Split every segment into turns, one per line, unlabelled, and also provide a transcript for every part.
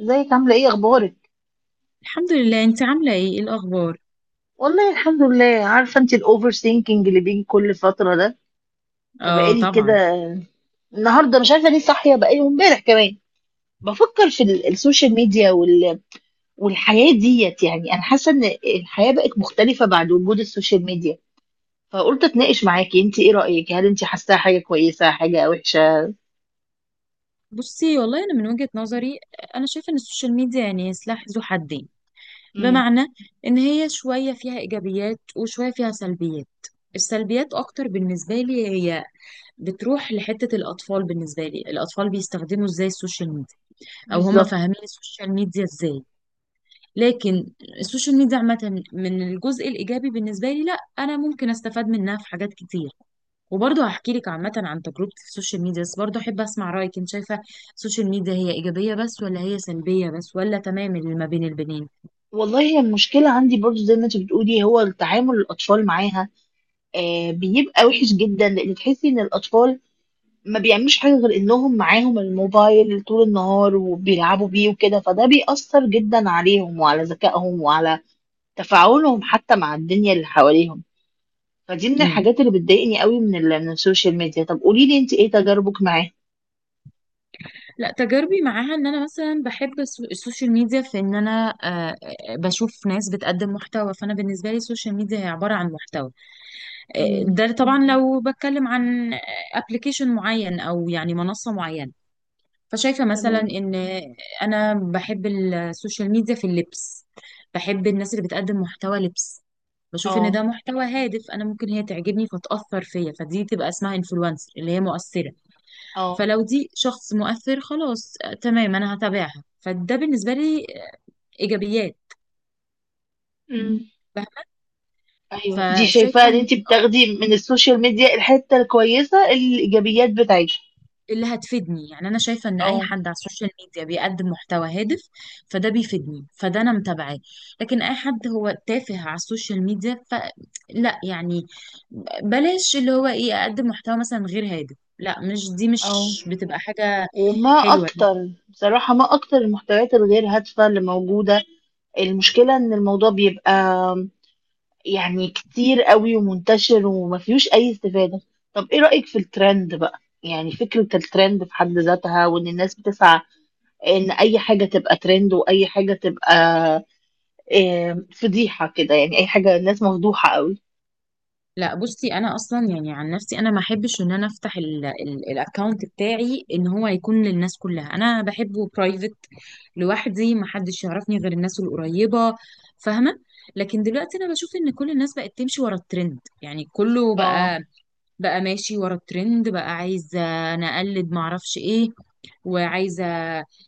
ازيك؟ عامله ايه؟ اخبارك؟
الحمد لله، انت عامله ايه؟ ايه الاخبار؟
والله الحمد لله. عارفه انت الاوفر ثينكينج اللي بيجي كل فتره ده؟
اه
فبقالي كده
طبعا.
النهارده مش عارفه ليه صاحيه، بقالي امبارح كمان بفكر في السوشيال ميديا والحياه ديت. يعني انا حاسه ان الحياه بقت مختلفه بعد وجود السوشيال ميديا، فقلت اتناقش معاكي. انت ايه رايك؟ هل انت حاساها حاجه كويسه، حاجه وحشه؟
بصي والله انا من وجهة نظري انا شايفه ان السوشيال ميديا يعني سلاح ذو حدين.
امم.
بمعنى ان هي شويه فيها ايجابيات وشويه فيها سلبيات. السلبيات اكتر بالنسبه لي هي بتروح لحته الاطفال، بالنسبه لي الاطفال بيستخدموا ازاي السوشيال ميديا او هم
بالظبط.
فاهمين السوشيال ميديا ازاي. لكن السوشيال ميديا عامة من الجزء الإيجابي بالنسبة لي، لا أنا ممكن أستفاد منها في حاجات كتير. وبرضه هحكي لك عامة عن تجربتي في السوشيال ميديا بس برضه أحب أسمع رأيك. أنت شايفة السوشيال ميديا هي إيجابية بس ولا هي سلبية بس ولا تمام اللي ما بين البنين؟
والله هي المشكلة عندي برضو زي ما انت بتقولي، هو التعامل الأطفال معاها. آه بيبقى وحش جدا، لأن تحسي إن الأطفال ما بيعملوش حاجة غير انهم معاهم الموبايل طول النهار وبيلعبوا بيه وكده، فده بيأثر جدا عليهم وعلى ذكائهم وعلى تفاعلهم حتى مع الدنيا اللي حواليهم. فدي من
مم.
الحاجات اللي بتضايقني قوي من من السوشيال ميديا. طب قولي لي انت ايه تجاربك معاه؟
لا تجاربي معاها ان انا مثلا بحب السوشيال ميديا في ان انا بشوف ناس بتقدم محتوى، فانا بالنسبه لي السوشيال ميديا هي عباره عن محتوى.
امم.
ده طبعا لو بتكلم عن ابلكيشن معين او يعني منصه معينه. فشايفة مثلا
تمام.
إن أنا بحب السوشيال ميديا في اللبس، بحب الناس اللي بتقدم محتوى لبس، بشوف إن
اه.
ده محتوى هادف. أنا ممكن هي تعجبني فتأثر فيا، فدي تبقى اسمها إنفلونسر اللي هي مؤثرة.
اه.
فلو دي شخص مؤثر خلاص، تمام أنا هتابعها، فده بالنسبة لي إيجابيات.
امم. ايوه، دي شايفاها
فشايفة
ان انت بتاخدي من السوشيال ميديا الحتة الكويسة، الايجابيات بتاعتها.
اللي هتفيدني، يعني انا شايفه ان اي
اه.
حد على السوشيال ميديا بيقدم محتوى هادف فده بيفيدني فده انا متابعاه. لكن اي حد هو تافه على السوشيال ميديا فلا، يعني بلاش اللي هو ايه، اقدم محتوى مثلا غير هادف، لا مش دي،
اه.
مش بتبقى حاجه
وما
حلوه.
اكتر، بصراحة ما اكتر المحتويات الغير هادفة اللي موجودة. المشكلة إن الموضوع بيبقى يعني كتير قوي ومنتشر وما فيهوش أي استفادة. طب إيه رأيك في الترند بقى؟ يعني فكرة الترند في حد ذاتها، وإن الناس بتسعى إن أي حاجة تبقى ترند، وأي حاجة تبقى فضيحة كده. يعني أي حاجة، الناس مفضوحة قوي.
لا بصي انا اصلا يعني عن نفسي انا ما احبش ان انا افتح الاكونت بتاعي ان هو يكون للناس كلها، انا بحبه برايفت لوحدي، ما حدش يعرفني غير الناس القريبه، فاهمه؟ لكن دلوقتي انا بشوف ان كل الناس بقت تمشي ورا الترند، يعني كله
اه.
بقى، ماشي ورا الترند، بقى عايزة انا اقلد معرفش ايه، وعايزة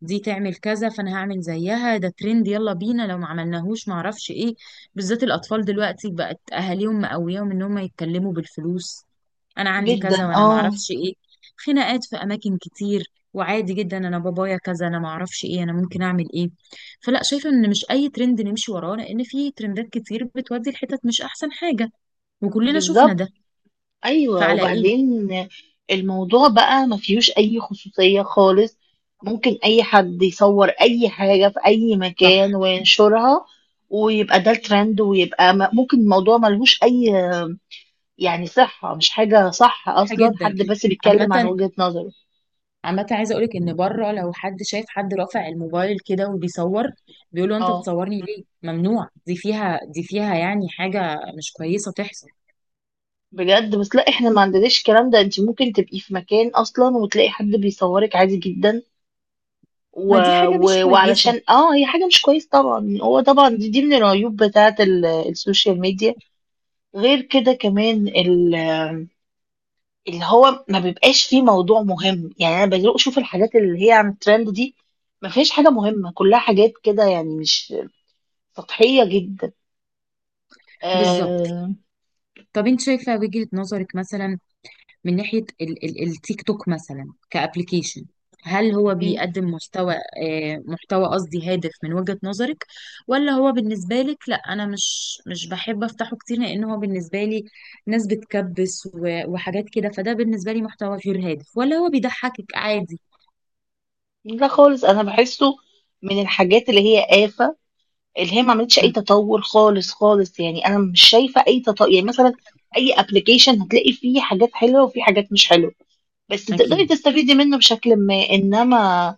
دي تعمل كذا فانا هعمل زيها، ده ترند يلا بينا، لو ما عملناهوش معرفش ايه. بالذات الاطفال دلوقتي بقت اهاليهم مقوياهم ان هم يتكلموا بالفلوس، انا عندي كذا
جدا.
وانا
اه.
معرفش ايه. خناقات في اماكن كتير وعادي جدا، انا بابايا كذا، انا معرفش ايه، انا ممكن اعمل ايه. فلا، شايفة ان مش اي ترند نمشي وراه لان في ترندات كتير بتودي الحتت مش احسن حاجة، وكلنا شفنا
بالظبط.
ده.
ايوه،
فعلى ايه.
وبعدين الموضوع بقى ما فيهوش اي خصوصية خالص. ممكن اي حد يصور اي حاجة في اي
صح.
مكان وينشرها ويبقى ده الترند، ويبقى ممكن الموضوع ملهوش اي يعني صحة، مش حاجة صح
صح
اصلا،
جدا.
حد بس بيتكلم عن
عامة،
وجهة نظره.
عامة عايزة اقولك ان بره لو حد شايف حد رافع الموبايل كده وبيصور، بيقولوا انت
اه
بتصورني ليه؟ ممنوع، دي فيها، دي فيها يعني حاجة مش كويسة تحصل.
بجد. بس لا، احنا ما عندناش الكلام ده. انت ممكن تبقي في مكان اصلا وتلاقي حد بيصورك عادي جدا و...
ما دي حاجة مش كويسة.
وعلشان اه هي حاجة مش كويس طبعا. هو طبعا دي, دي من العيوب بتاعة السوشيال ميديا. غير كده كمان اللي هو ما بيبقاش فيه موضوع مهم. يعني انا بدي اشوف الحاجات اللي هي عن الترند دي، ما فيهاش حاجة مهمة، كلها حاجات كده يعني مش، سطحية جدا.
بالظبط.
آه...
طب انت شايفة وجهة نظرك مثلا من ناحية التيك توك مثلا كأبليكيشن؟ هل هو
م-
بيقدم محتوى محتوى قصدي هادف من وجهة نظرك، ولا هو بالنسبة لك لا أنا مش بحب أفتحه كتير لأن هو بالنسبة لي ناس بتكبس وحاجات كده، فده بالنسبة لي محتوى غير هادف، ولا هو بيضحكك عادي؟
لا خالص، انا بحسه من الحاجات اللي هي آفة، اللي هي ما عملتش اي
مم،
تطور خالص خالص. يعني انا مش شايفه اي تطور. يعني مثلا اي ابلكيشن هتلاقي فيه حاجات حلوه وفيه حاجات مش حلوه، بس
أكيد.
تقدري تستفيدي منه بشكل ما. انما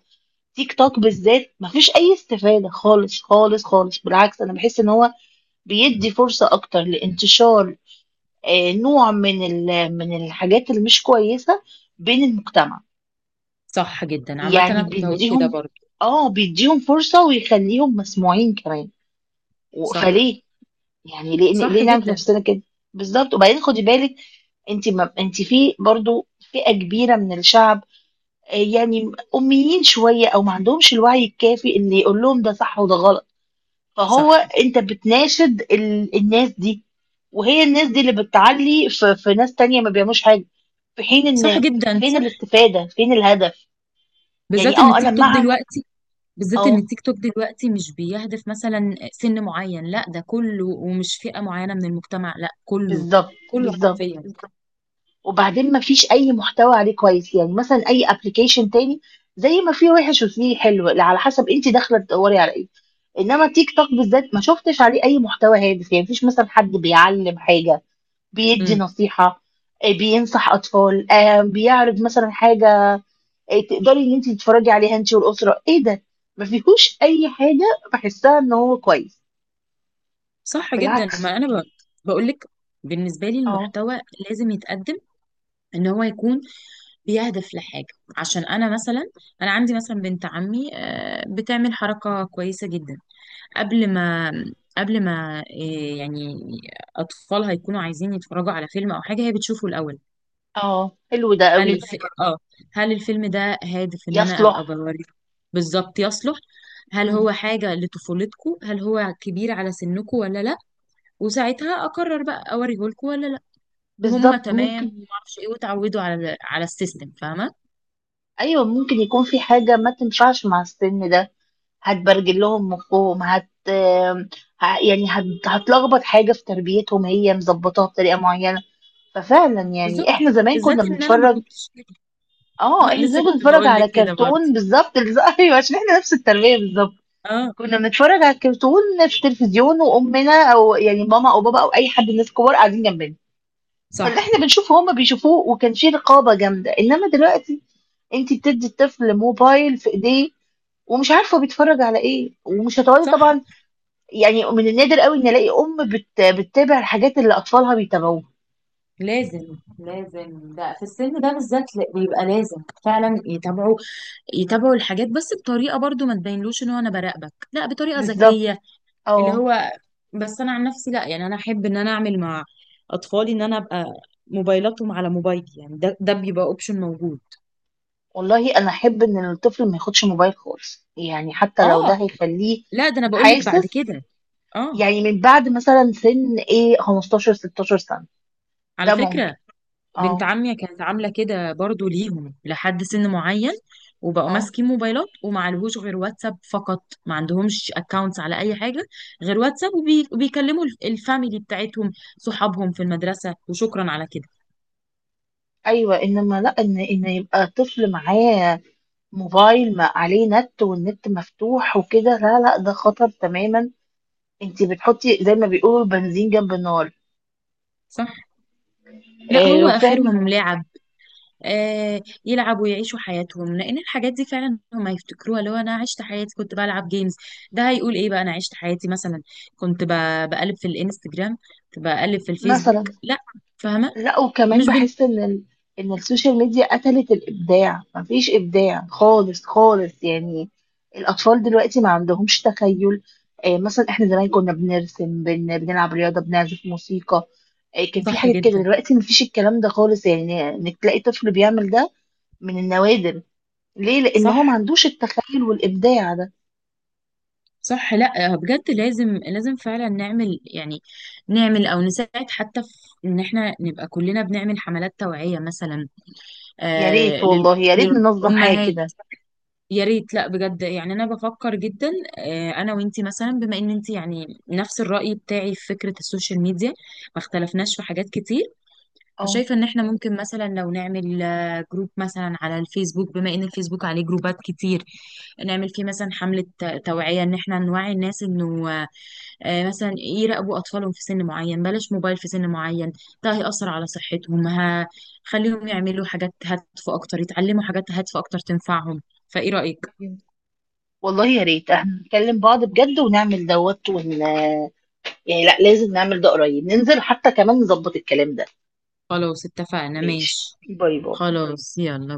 تيك توك بالذات ما فيش اي استفاده خالص خالص خالص. بالعكس، انا بحس ان هو بيدي فرصه اكتر لانتشار آه، نوع من من الحاجات اللي مش كويسه بين المجتمع.
صح جدا، عامة
يعني
أنا كنت هقول كده
بيديهم،
برضه.
اه بيديهم فرصه ويخليهم مسموعين كمان.
صح.
فليه يعني؟ ليه
صح
ليه نعمل في
جدا.
نفسنا كده؟ بالظبط. وبعدين خدي بالك، انت ما انت في برضو فئة كبيرة من الشعب آه، يعني أميين شوية أو ما عندهمش الوعي الكافي إن يقول لهم ده صح وده غلط.
صح.
فهو أنت بتناشد الناس دي، وهي الناس دي اللي بتعلي في ناس تانية ما بيعملوش حاجة. في حين
صح
إن
جدا.
فين
صح،
الاستفادة، فين الهدف؟ يعني
بالذات إن
اه أنا
التيك توك
مع.
دلوقتي، بالذات ان
اه.
التيك توك دلوقتي مش بيهدف مثلا سن معين، لا ده كله، ومش فئة معينة من المجتمع، لا كله،
بالظبط.
كله
بالظبط.
حرفيا.
وبعدين ما فيش اي محتوى عليه كويس. يعني مثلا اي ابلكيشن تاني زي ما فيه وحش وفيه حلو على حسب انت داخله تدوري على ايه. انما تيك توك بالذات ما شفتش عليه اي محتوى هادف. يعني مفيش مثلا حد بيعلم حاجه، بيدي
امم.
نصيحه، آه، بينصح اطفال، آه، بيعرض مثلا حاجه آه، تقدري ان انت تتفرجي عليها انت والاسره. ايه ده؟ ما فيهوش اي حاجه بحسها ان هو كويس،
صح جدا.
بالعكس.
ما انا بقول لك، بالنسبة لي
اه.
المحتوى لازم يتقدم ان هو يكون بيهدف لحاجة. عشان انا مثلا، انا عندي مثلا بنت عمي بتعمل حركة كويسة جدا. قبل ما قبل ما يعني اطفالها يكونوا عايزين يتفرجوا على فيلم او حاجة، هي بتشوفه الاول.
اه. حلو ده
هل
قوي.
الف... اه، هل الفيلم ده هادف ان انا ابقى
يصلح.
بوريه؟ بالظبط يصلح. هل
مم.
هو حاجة لطفولتكو، هل هو كبير على سنكو ولا لا؟ وساعتها اقرر بقى اوريه لكم ولا لا، وهم
بالظبط،
تمام،
ممكن.
وما اعرفش ايه، وتعودوا على على السيستم، فاهمة؟
ايوه، ممكن يكون في حاجه ما تنفعش مع السن ده. هتبرجل لهم مخهم، يعني هتلخبط حاجه في تربيتهم هي مظبطاها بطريقه معينه. ففعلا يعني احنا
بالظبط،
زمان
بالذات
كنا
ان انا ما
بنتفرج.
كنتش كده.
اه،
اه،
احنا
لسه
زمان كنا
كنت
بنتفرج
بقول لك
على
كده
كرتون
برضه.
بالظبط. ايوه، عشان احنا نفس التربيه بالظبط.
اه.
كنا بنتفرج على الكرتون في التلفزيون، وامنا او يعني ماما او بابا او اي حد من الناس الكبار قاعدين جنبنا.
صح.
فاللي احنا بنشوفه هما بيشوفوه، وكان في رقابه جامده. انما دلوقتي انت بتدي الطفل موبايل في ايديه، ومش عارفه بيتفرج على ايه، ومش هتقعدي
صح،
طبعا. يعني من النادر قوي ان الاقي ام بتتابع الحاجات اللي اطفالها بيتابعوها.
لازم لازم ده في السن ده بالذات، بيبقى لازم فعلا يتابعوا، يتابعوا الحاجات بس بطريقه، برضو ما تبينلوش ان هو انا براقبك، لا بطريقه
بالظبط.
ذكيه. اللي
اه.
هو بس انا عن نفسي لا، يعني انا احب ان انا اعمل مع اطفالي ان انا ابقى موبايلاتهم على موبايلي، يعني ده بيبقى اوبشن موجود.
والله انا احب ان الطفل ما ياخدش موبايل خالص، يعني حتى لو ده
اه.
هيخليه
لا ده انا بقول لك بعد
حاسس.
كده. اه.
يعني من بعد مثلا سن ايه، 15 16 سنة،
على
ده ممكن.
فكره، بنت
اه.
عمي كانت عاملة كده برضو ليهم لحد سن معين، وبقوا
اه.
ماسكين موبايلات وما عليهوش غير واتساب فقط، ما عندهمش اكونتس على اي حاجة غير واتساب، وبيكلموا الفاميلي بتاعتهم، صحابهم في المدرسة، وشكرا على كده.
ايوه، انما لا ان يبقى الطفل معاه موبايل ما عليه نت والنت مفتوح وكده، لا لا، ده خطر تماما. انت بتحطي زي ما بيقولوا البنزين جنب النار.
صح. لا
آه
هو
وفعلا.
اخرهم لعب. آه يلعب ويعيشوا حياتهم، لان الحاجات دي فعلا هم يفتكروها، اللي هو انا عشت حياتي كنت بلعب جيمز. ده هيقول ايه بقى، انا عشت حياتي مثلا كنت بقلب في الانستجرام، كنت بقلب في الفيسبوك،
مثلا.
لا. فاهمة؟
لا، وكمان
مش
بحس ان ان السوشيال ميديا قتلت الابداع. مفيش ابداع خالص خالص. يعني الاطفال دلوقتي ما عندهمش تخيل آه. مثلا احنا زمان كنا بنرسم، بنلعب رياضه، بنعزف موسيقى آه. كان في
صح
حاجات كده.
جدا.
دلوقتي مفيش الكلام ده خالص، يعني انك تلاقي طفل بيعمل ده من النوادر. ليه؟ لان هو ما
صح.
عندوش التخيل والابداع ده.
صح، لا بجد لازم لازم فعلا نعمل يعني، نعمل او نساعد حتى في ان احنا نبقى كلنا بنعمل حملات توعية مثلا،
يا
آه
ريت، والله يا ريت ننظم حاجه
للامهات.
كده.
يا ريت، لا بجد يعني انا بفكر جدا، آه انا وانتي مثلا، بما ان انتي يعني نفس الرأي بتاعي في فكرة السوشيال ميديا، ما اختلفناش في حاجات كتير.
اه،
فشايفة ان احنا ممكن مثلا لو نعمل جروب مثلا على الفيسبوك، بما ان الفيسبوك عليه جروبات كتير، نعمل فيه مثلا حملة توعية ان احنا نوعي الناس انه مثلا يراقبوا اطفالهم في سن معين، بلاش موبايل في سن معين، ده هيأثر على صحتهم. خليهم يعملوا حاجات هادفة اكتر، يتعلموا حاجات هادفة اكتر تنفعهم. فايه رأيك؟
والله يا ريت احنا نكلم بعض بجد ونعمل دوت يعني لا لازم نعمل ده قريب، ننزل حتى كمان نظبط الكلام ده.
خلاص اتفقنا،
ماشي،
ماشي.
باي باي.
خلاص يلا.